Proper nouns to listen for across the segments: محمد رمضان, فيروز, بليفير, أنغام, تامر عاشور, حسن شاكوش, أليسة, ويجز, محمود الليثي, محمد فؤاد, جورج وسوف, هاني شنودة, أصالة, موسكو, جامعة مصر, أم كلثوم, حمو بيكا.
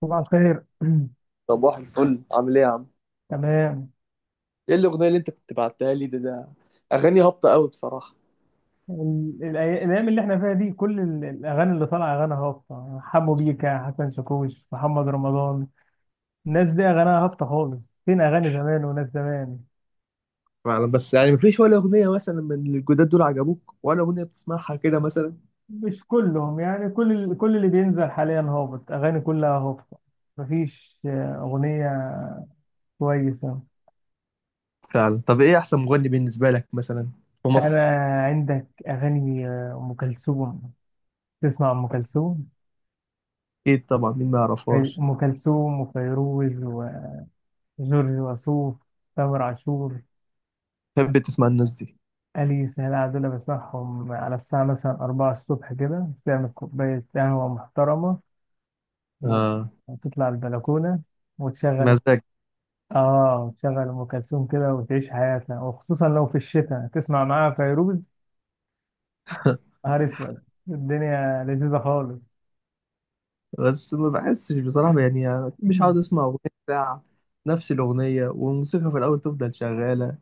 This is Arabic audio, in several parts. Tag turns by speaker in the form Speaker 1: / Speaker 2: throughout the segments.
Speaker 1: صباح الخير.
Speaker 2: صباح الفل، عامل ايه يا عم؟
Speaker 1: تمام.
Speaker 2: ايه الاغنيه اللي انت كنت بعتها لي ده؟ اغاني هابطه قوي بصراحه.
Speaker 1: الايام اللي احنا فيها دي، كل الاغاني اللي طالعه اغاني هابطه: حمو بيكا، حسن شاكوش، محمد رمضان. الناس دي اغانيها هابطه خالص. فين اغاني زمان وناس زمان؟
Speaker 2: أنا بس يعني مفيش ولا أغنية مثلا من الجداد دول عجبوك، ولا أغنية بتسمعها كده مثلا؟
Speaker 1: مش كلهم، يعني كل كل اللي بينزل حاليا هابط، اغاني كلها هابطه. مفيش اغنيه كويسه.
Speaker 2: فعلا. طب إيه أحسن مغني بالنسبة لك مثلا في
Speaker 1: انا،
Speaker 2: مصر؟
Speaker 1: عندك اغاني ام كلثوم. تسمع ام كلثوم؟
Speaker 2: أكيد طبعا، مين ما يعرفهاش.
Speaker 1: ام كلثوم، وفيروز، وجورج وسوف، تامر عاشور،
Speaker 2: تحب تسمع الناس دي.
Speaker 1: أليسة. لا دول بصحهم على الساعة مثلا 4 الصبح كده، تعمل كوباية قهوة محترمة و-
Speaker 2: آه.
Speaker 1: وتطلع البلكونة وتشغل.
Speaker 2: مزاج.
Speaker 1: آه، وتشغل أم كلثوم كده، وتعيش حياتنا، وخصوصا لو في الشتاء تسمع معاها فيروز. نهار أسود، الدنيا لذيذة خالص.
Speaker 2: بس ما بحسش بصراحة، يعني أكيد مش عاوز أسمع أغنية ساعة. نفس الأغنية والموسيقى في الأول تفضل شغالة،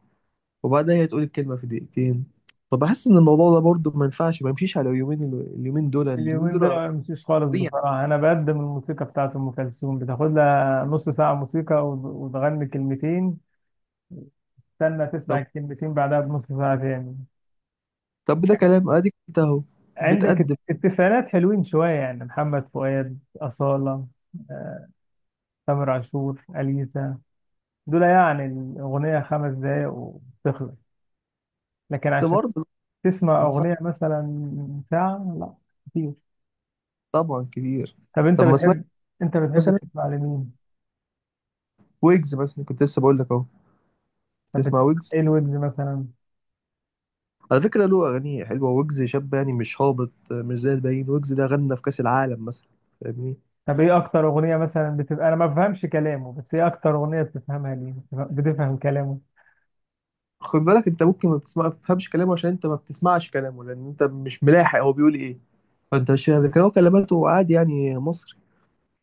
Speaker 2: وبعدها هي تقول الكلمة في دقيقتين. فبحس إن الموضوع ده برضه ما ينفعش، ما يمشيش على اليومين اليومين دول اليومين
Speaker 1: اليومين دول
Speaker 2: دول
Speaker 1: ما بمشيش خالص
Speaker 2: سريع.
Speaker 1: بصراحة. أنا بقدم الموسيقى بتاعت أم كلثوم، بتاخد لها نص ساعة موسيقى وتغني كلمتين. استنى تسمع
Speaker 2: طب
Speaker 1: الكلمتين بعدها بنص ساعة تاني.
Speaker 2: طب ده كلام، أديك أنت أهو.
Speaker 1: عندك
Speaker 2: بتقدم.
Speaker 1: التسعينات حلوين شوية، يعني محمد فؤاد، أصالة، آه، تامر عاشور، أليسا. دول يعني الأغنية 5 دقايق وتخلص، لكن
Speaker 2: بس
Speaker 1: عشان
Speaker 2: برضه
Speaker 1: تسمع
Speaker 2: ما ينفعش.
Speaker 1: أغنية مثلا ساعة، لا كتير.
Speaker 2: طبعا كتير.
Speaker 1: طب أنت
Speaker 2: طب ما سمعت
Speaker 1: بتحب، أنت بتحب
Speaker 2: مثلا
Speaker 1: تسمع لمين؟
Speaker 2: ويجز؟ مثلا كنت لسه بقول لك أهو،
Speaker 1: طب
Speaker 2: تسمع
Speaker 1: بتسمع،
Speaker 2: ويجز.
Speaker 1: إيه الويجز مثلا؟
Speaker 2: على فكرة له أغاني حلوة، ويجز شاب يعني مش هابط، مش زي الباقيين. ويجز ده غنى في كأس العالم مثلا، فاهمني.
Speaker 1: طب إيه أكتر أغنية مثلا بتبقى، أنا ما بفهمش كلامه، بس إيه أكتر أغنية بتفهمها ليه؟ بتفهم، بتفهم كلامه؟
Speaker 2: خد بالك، أنت ممكن ما تسمع ما تفهمش كلامه عشان أنت ما بتسمعش كلامه، لأن أنت مش ملاحق هو بيقول إيه. فأنت مش فاهم، لكن هو كلماته عادي يعني مصري،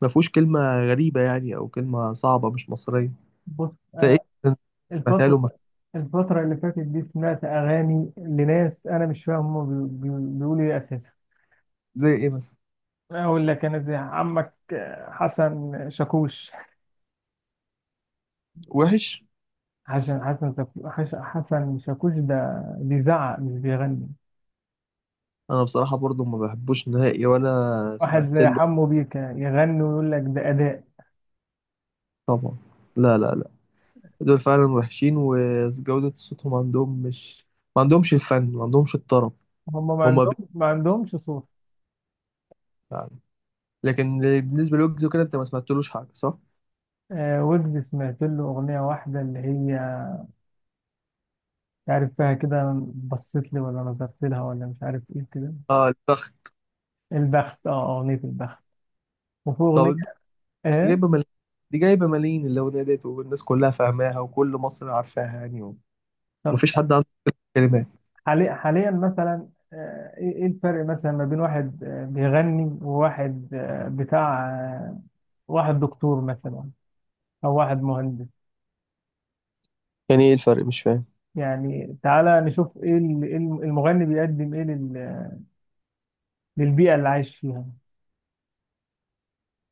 Speaker 2: ما فيهوش كلمة غريبة يعني، أو كلمة صعبة مش مصرية.
Speaker 1: بص
Speaker 2: أنت
Speaker 1: أنا،
Speaker 2: إيه؟ سمعتها له مف-
Speaker 1: الفترة الفترة اللي فاتت دي سمعت أغاني لناس أنا مش فاهم هما بيقولوا إيه أساسا.
Speaker 2: زي إيه مثلا؟
Speaker 1: أقول لك أنا، زي عمك حسن شاكوش.
Speaker 2: وحش.
Speaker 1: عشان حسن حسن شاكوش ده بيزعق مش بيغني.
Speaker 2: أنا بصراحة برضو ما بحبوش نهائي، ولا
Speaker 1: واحد
Speaker 2: سمعت
Speaker 1: زي
Speaker 2: له.
Speaker 1: حمو بيكا يغني ويقول لك ده أداء.
Speaker 2: طبعا. لا، لا، لا، دول فعلا وحشين، وجودة صوتهم عندهم مش، ما عندهمش الفن، ما عندهمش الطرب.
Speaker 1: هما
Speaker 2: هما بي...
Speaker 1: ما عندهمش صوت.
Speaker 2: يعني. لكن بالنسبة لويجز وكده، أنت ما سمعتلوش حاجة صح؟
Speaker 1: آه، ويجز سمعت له أغنية واحدة، اللي هي مش عارف فيها كده، بصيت لي ولا نظرت لها ولا مش عارف إيه كده.
Speaker 2: آه، البخت.
Speaker 1: البخت، أه، أغنية البخت. وفي
Speaker 2: طب
Speaker 1: أغنية
Speaker 2: البخت دي
Speaker 1: إيه،
Speaker 2: جايبة ملايين. دي جايبة ملايين، اللي ونادت، والناس كلها فاهماها، وكل مصر عارفاها يعني، ومفيش حد عنده كلمات.
Speaker 1: حاليا مثلا. ايه إيه الفرق مثلا ما بين واحد بيغني، وواحد بتاع واحد دكتور مثلا، او واحد مهندس.
Speaker 2: يعني ايه الفرق، مش فاهم.
Speaker 1: يعني تعالى نشوف ايه ال- إيه الم- المغني بيقدم ايه للبيئة اللي عايش فيها.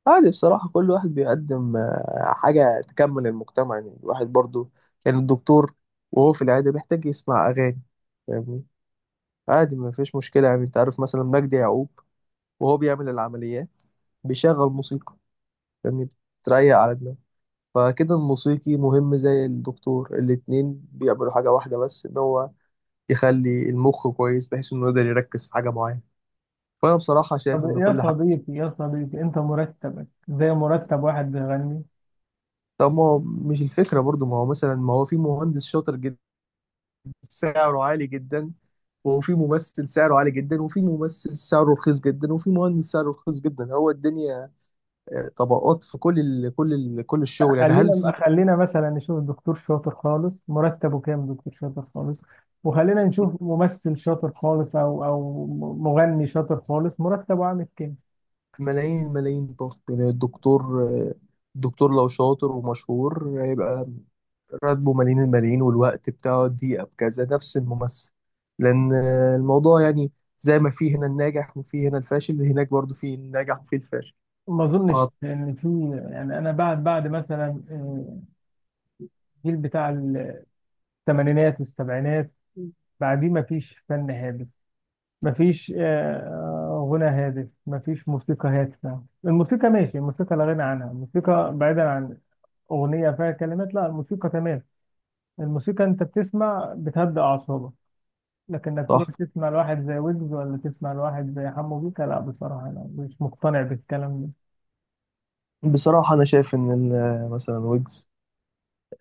Speaker 2: عادي بصراحة، كل واحد بيقدم حاجة تكمل المجتمع، يعني الواحد برضو، يعني الدكتور وهو في العيادة بيحتاج يسمع أغاني، فاهمني؟ عادي ما فيش مشكلة. يعني أنت عارف مثلا مجدي يعقوب وهو بيعمل العمليات بيشغل موسيقى، فاهمني؟ بتريق على دماغه. فكده الموسيقي مهم زي الدكتور، الاتنين بيعملوا حاجة واحدة، بس إن هو يخلي المخ كويس بحيث إنه يقدر يركز في حاجة معينة. فأنا بصراحة
Speaker 1: طب
Speaker 2: شايف إن
Speaker 1: يا
Speaker 2: كل حاجة.
Speaker 1: صديقي، يا صديقي انت مرتبك زي مرتب واحد بيغني.
Speaker 2: طب ما هو مش الفكرة برضو، ما هو مثلا، ما هو في مهندس شاطر جدا سعره عالي جدا، وفي ممثل سعره عالي جدا، وفي ممثل سعره رخيص جدا، وفي مهندس سعره رخيص جدا. هو الدنيا طبقات، في كل ال كل ال كل
Speaker 1: لا،
Speaker 2: الشغل يعني هل
Speaker 1: خلينا
Speaker 2: في
Speaker 1: خلينا مثلا نشوف دكتور شاطر خالص مرتبه كام، دكتور شاطر خالص. وخلينا نشوف ممثل شاطر خالص، او مغني شاطر خالص مرتبه عامل كام.
Speaker 2: ملايين ملايين ضغط؟ يعني الدكتور، الدكتور لو شاطر ومشهور هيبقى راتبه ملايين الملايين، والوقت بتاعه دقيقة بكذا، نفس الممثل. لأن الموضوع يعني زي ما في هنا الناجح وفي هنا الفاشل، هناك برضو في الناجح وفي الفاشل.
Speaker 1: ما اظنش،
Speaker 2: آه.
Speaker 1: لان في... يعني انا بعد مثلا الجيل بتاع الثمانينات والسبعينات، بعديه ما فيش فن هادف، ما فيش غنى هادف، ما فيش موسيقى هادفة. الموسيقى ماشي، الموسيقى لا غنى عنها. الموسيقى بعيدا عن أغنية فيها كلمات، لا، الموسيقى تمام. الموسيقى أنت بتسمع بتهدأ أعصابك. لكن إنك تروح
Speaker 2: صح.
Speaker 1: تسمع لواحد زي ويجز، ولا تسمع لواحد زي حمو بيكا، لا، بصراحة أنا مش مقتنع بالكلام ده.
Speaker 2: بصراحة أنا شايف إن مثلا ويجز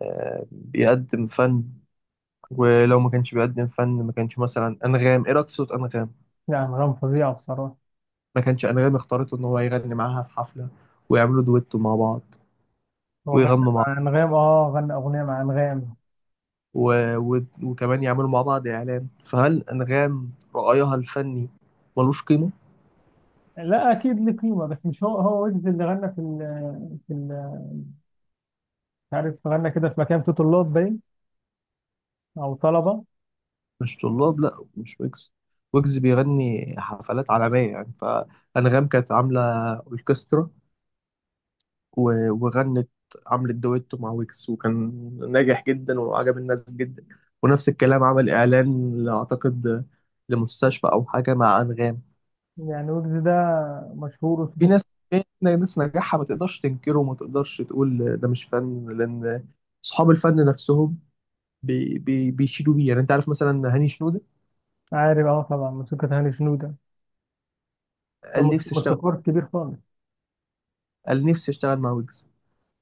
Speaker 2: بيقدم فن. ولو ما كانش بيقدم فن، ما كانش مثلا أنغام. إيه رأيك في صوت أنغام؟
Speaker 1: يعني أنغام فظيعة بصراحة.
Speaker 2: ما كانش أنغام اختارته إن هو يغني معاها في حفلة، ويعملوا دويتو مع بعض،
Speaker 1: هو غنى
Speaker 2: ويغنوا مع
Speaker 1: مع انغام، اه غنى اغنيه مع انغام.
Speaker 2: و... و... وكمان يعملوا مع بعض إعلان. فهل أنغام رأيها الفني ملوش قيمة؟
Speaker 1: لا، اكيد ليه قيمه، بس مش هو ويجز اللي غنى في ال في ال مش عارف، غنى كده في مكان، في طلاب باين او طلبه.
Speaker 2: مش طلاب، لأ مش ويجز. ويجز بيغني حفلات عالمية يعني. فأنغام كانت عاملة أوركسترا، و- وغنت، عملت دويتو مع ويكس، وكان ناجح جدا، وعجب الناس جدا. ونفس الكلام، عمل اعلان اعتقد لمستشفى او حاجه مع انغام.
Speaker 1: يعني ويجز ده مشهور
Speaker 2: في
Speaker 1: وصوته.
Speaker 2: ناس في ناس نجاحها ما تقدرش تنكره، وما تقدرش تقول ده مش فن، لان اصحاب الفن نفسهم بي بي بيشيدوا بيه، يعني انت عارف مثلا هاني شنودة.
Speaker 1: عارف، اه طبعا، موسيقى هاني شنودة ده
Speaker 2: قال نفسي اشتغل
Speaker 1: موسيقار كبير خالص.
Speaker 2: قال نفسي اشتغل مع ويجز،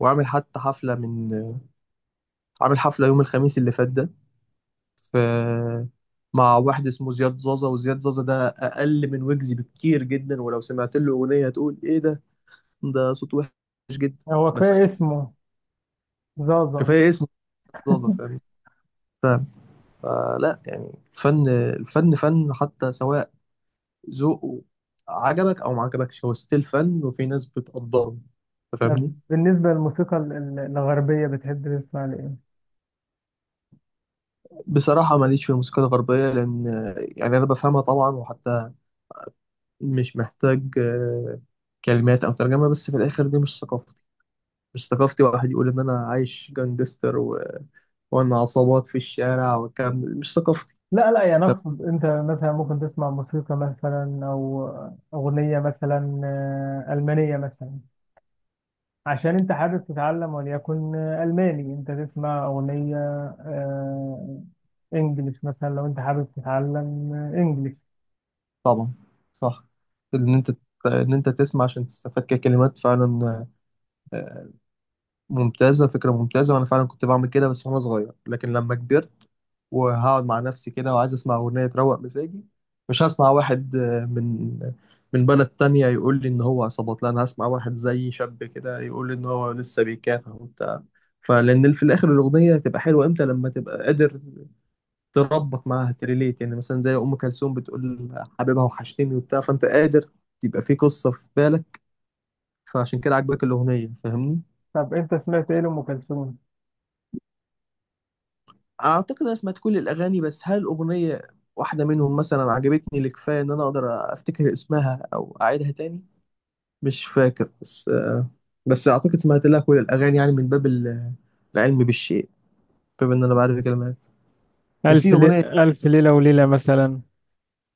Speaker 2: وعامل حتى حفله من عامل حفله يوم الخميس اللي فات ده، في، مع واحد اسمه زياد زازا. وزياد زازا ده اقل من ويجز بكتير جدا، ولو سمعت له اغنيه هتقول ايه ده، ده صوت وحش جدا.
Speaker 1: هو كفايه
Speaker 2: بس
Speaker 1: اسمه زازا.
Speaker 2: كفايه اسمه زازا، فاهم، فاهم. فلا يعني، الفن فن حتى سواء ذوقه عجبك او ما عجبكش، هو ستيل فن، وفي ناس بتقدره، أنت
Speaker 1: طب
Speaker 2: فاهمني.
Speaker 1: بالنسبه للموسيقى الغربيه، بتحب تسمع لايه؟
Speaker 2: بصراحه ماليش في الموسيقى الغربيه، لان يعني انا بفهمها طبعا، وحتى مش محتاج كلمات او ترجمه، بس في الاخر دي مش ثقافتي. مش ثقافتي واحد يقول ان انا عايش جانجستر وان عصابات في الشارع والكلام ده مش ثقافتي.
Speaker 1: لا لا، يعني
Speaker 2: طب-
Speaker 1: اقصد انت مثلا ممكن تسمع موسيقى مثلا او اغنيه مثلا المانيه مثلا، عشان انت حابب تتعلم وليكن الماني، انت تسمع اغنيه آه، انجليش مثلا لو انت حابب تتعلم انجليش.
Speaker 2: طبعا، صح. ان انت ان انت تسمع عشان تستفاد ككلمات فعلا، آه، ممتازه، فكره ممتازه. وانا فعلا كنت بعمل كده بس وانا صغير، لكن لما كبرت وهقعد مع نفسي كده وعايز اسمع اغنيه تروق مزاجي، مش هسمع واحد من بلد تانية يقول لي ان هو عصابات. لا، انا هسمع واحد زي شاب كده يقول لي ان هو لسه بيكافح وبتاع فلان. في الاخر، الاغنيه هتبقى حلوه امتى؟ لما تبقى قادر تربط معاها تريليت، يعني مثلا زي ام كلثوم بتقول حبيبها وحشتني وبتاع، فانت قادر تبقى في قصه في بالك، فعشان كده عجبك الاغنيه، فاهمني.
Speaker 1: طب انت سمعت ايه لام كلثوم؟
Speaker 2: اعتقد انا سمعت كل الاغاني، بس هل اغنيه واحده منهم مثلا عجبتني لكفايه ان انا اقدر افتكر اسمها او اعيدها تاني؟ مش فاكر. بس اعتقد سمعت لها كل الاغاني، يعني من العلم بالشيء، باب ان انا بعرف الكلمات. كان في
Speaker 1: ألف لي...
Speaker 2: اغنيه،
Speaker 1: ألف ليلة وليلة مثلا.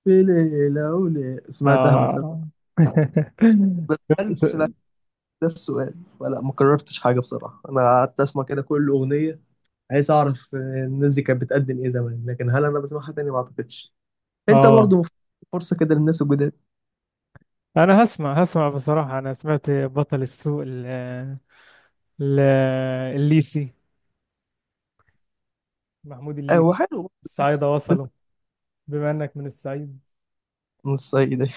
Speaker 2: في ليله وليله سمعتها مثلا،
Speaker 1: آه.
Speaker 2: بس هل سمعت، ده السؤال، ولا ما كررتش حاجه؟ بصراحه انا قعدت اسمع كده كل اغنيه، عايز اعرف الناس دي كانت بتقدم ايه زمان، لكن هل انا بسمعها تاني؟ ما اعتقدش. انت
Speaker 1: آه،
Speaker 2: برضو، فرصه كده للناس الجداد.
Speaker 1: أنا هسمع، هسمع بصراحة. أنا سمعت بطل السوق ال... الليسي، محمود الليثي.
Speaker 2: هو حلو برضه، كويس.
Speaker 1: الصعايدة
Speaker 2: بس
Speaker 1: وصلوا، بما إنك من الصعيد.
Speaker 2: من الصعيد دي،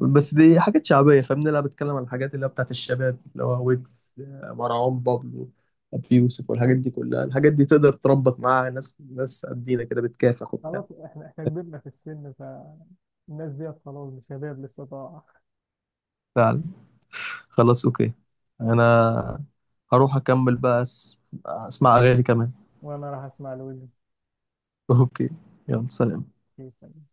Speaker 2: بس دي حاجات شعبية فاهمني. أنا بتكلم عن الحاجات اللي هي بتاعت الشباب، اللي هو ويجز، مروان بابلو، أبي يوسف، والحاجات دي كلها. الحاجات دي تقدر تربط معاها ناس قدينا كده بتكافح وبتاع.
Speaker 1: خلاص، احنا كبرنا في السن، فالناس ديت خلاص شباب لسه طاعة.
Speaker 2: فعلا. خلاص، أوكي. أنا هروح أكمل بقى أسمع أغاني كمان.
Speaker 1: وانا راح اسمع لويلز.
Speaker 2: أوكي، يلا سلام.
Speaker 1: كيف. يعني.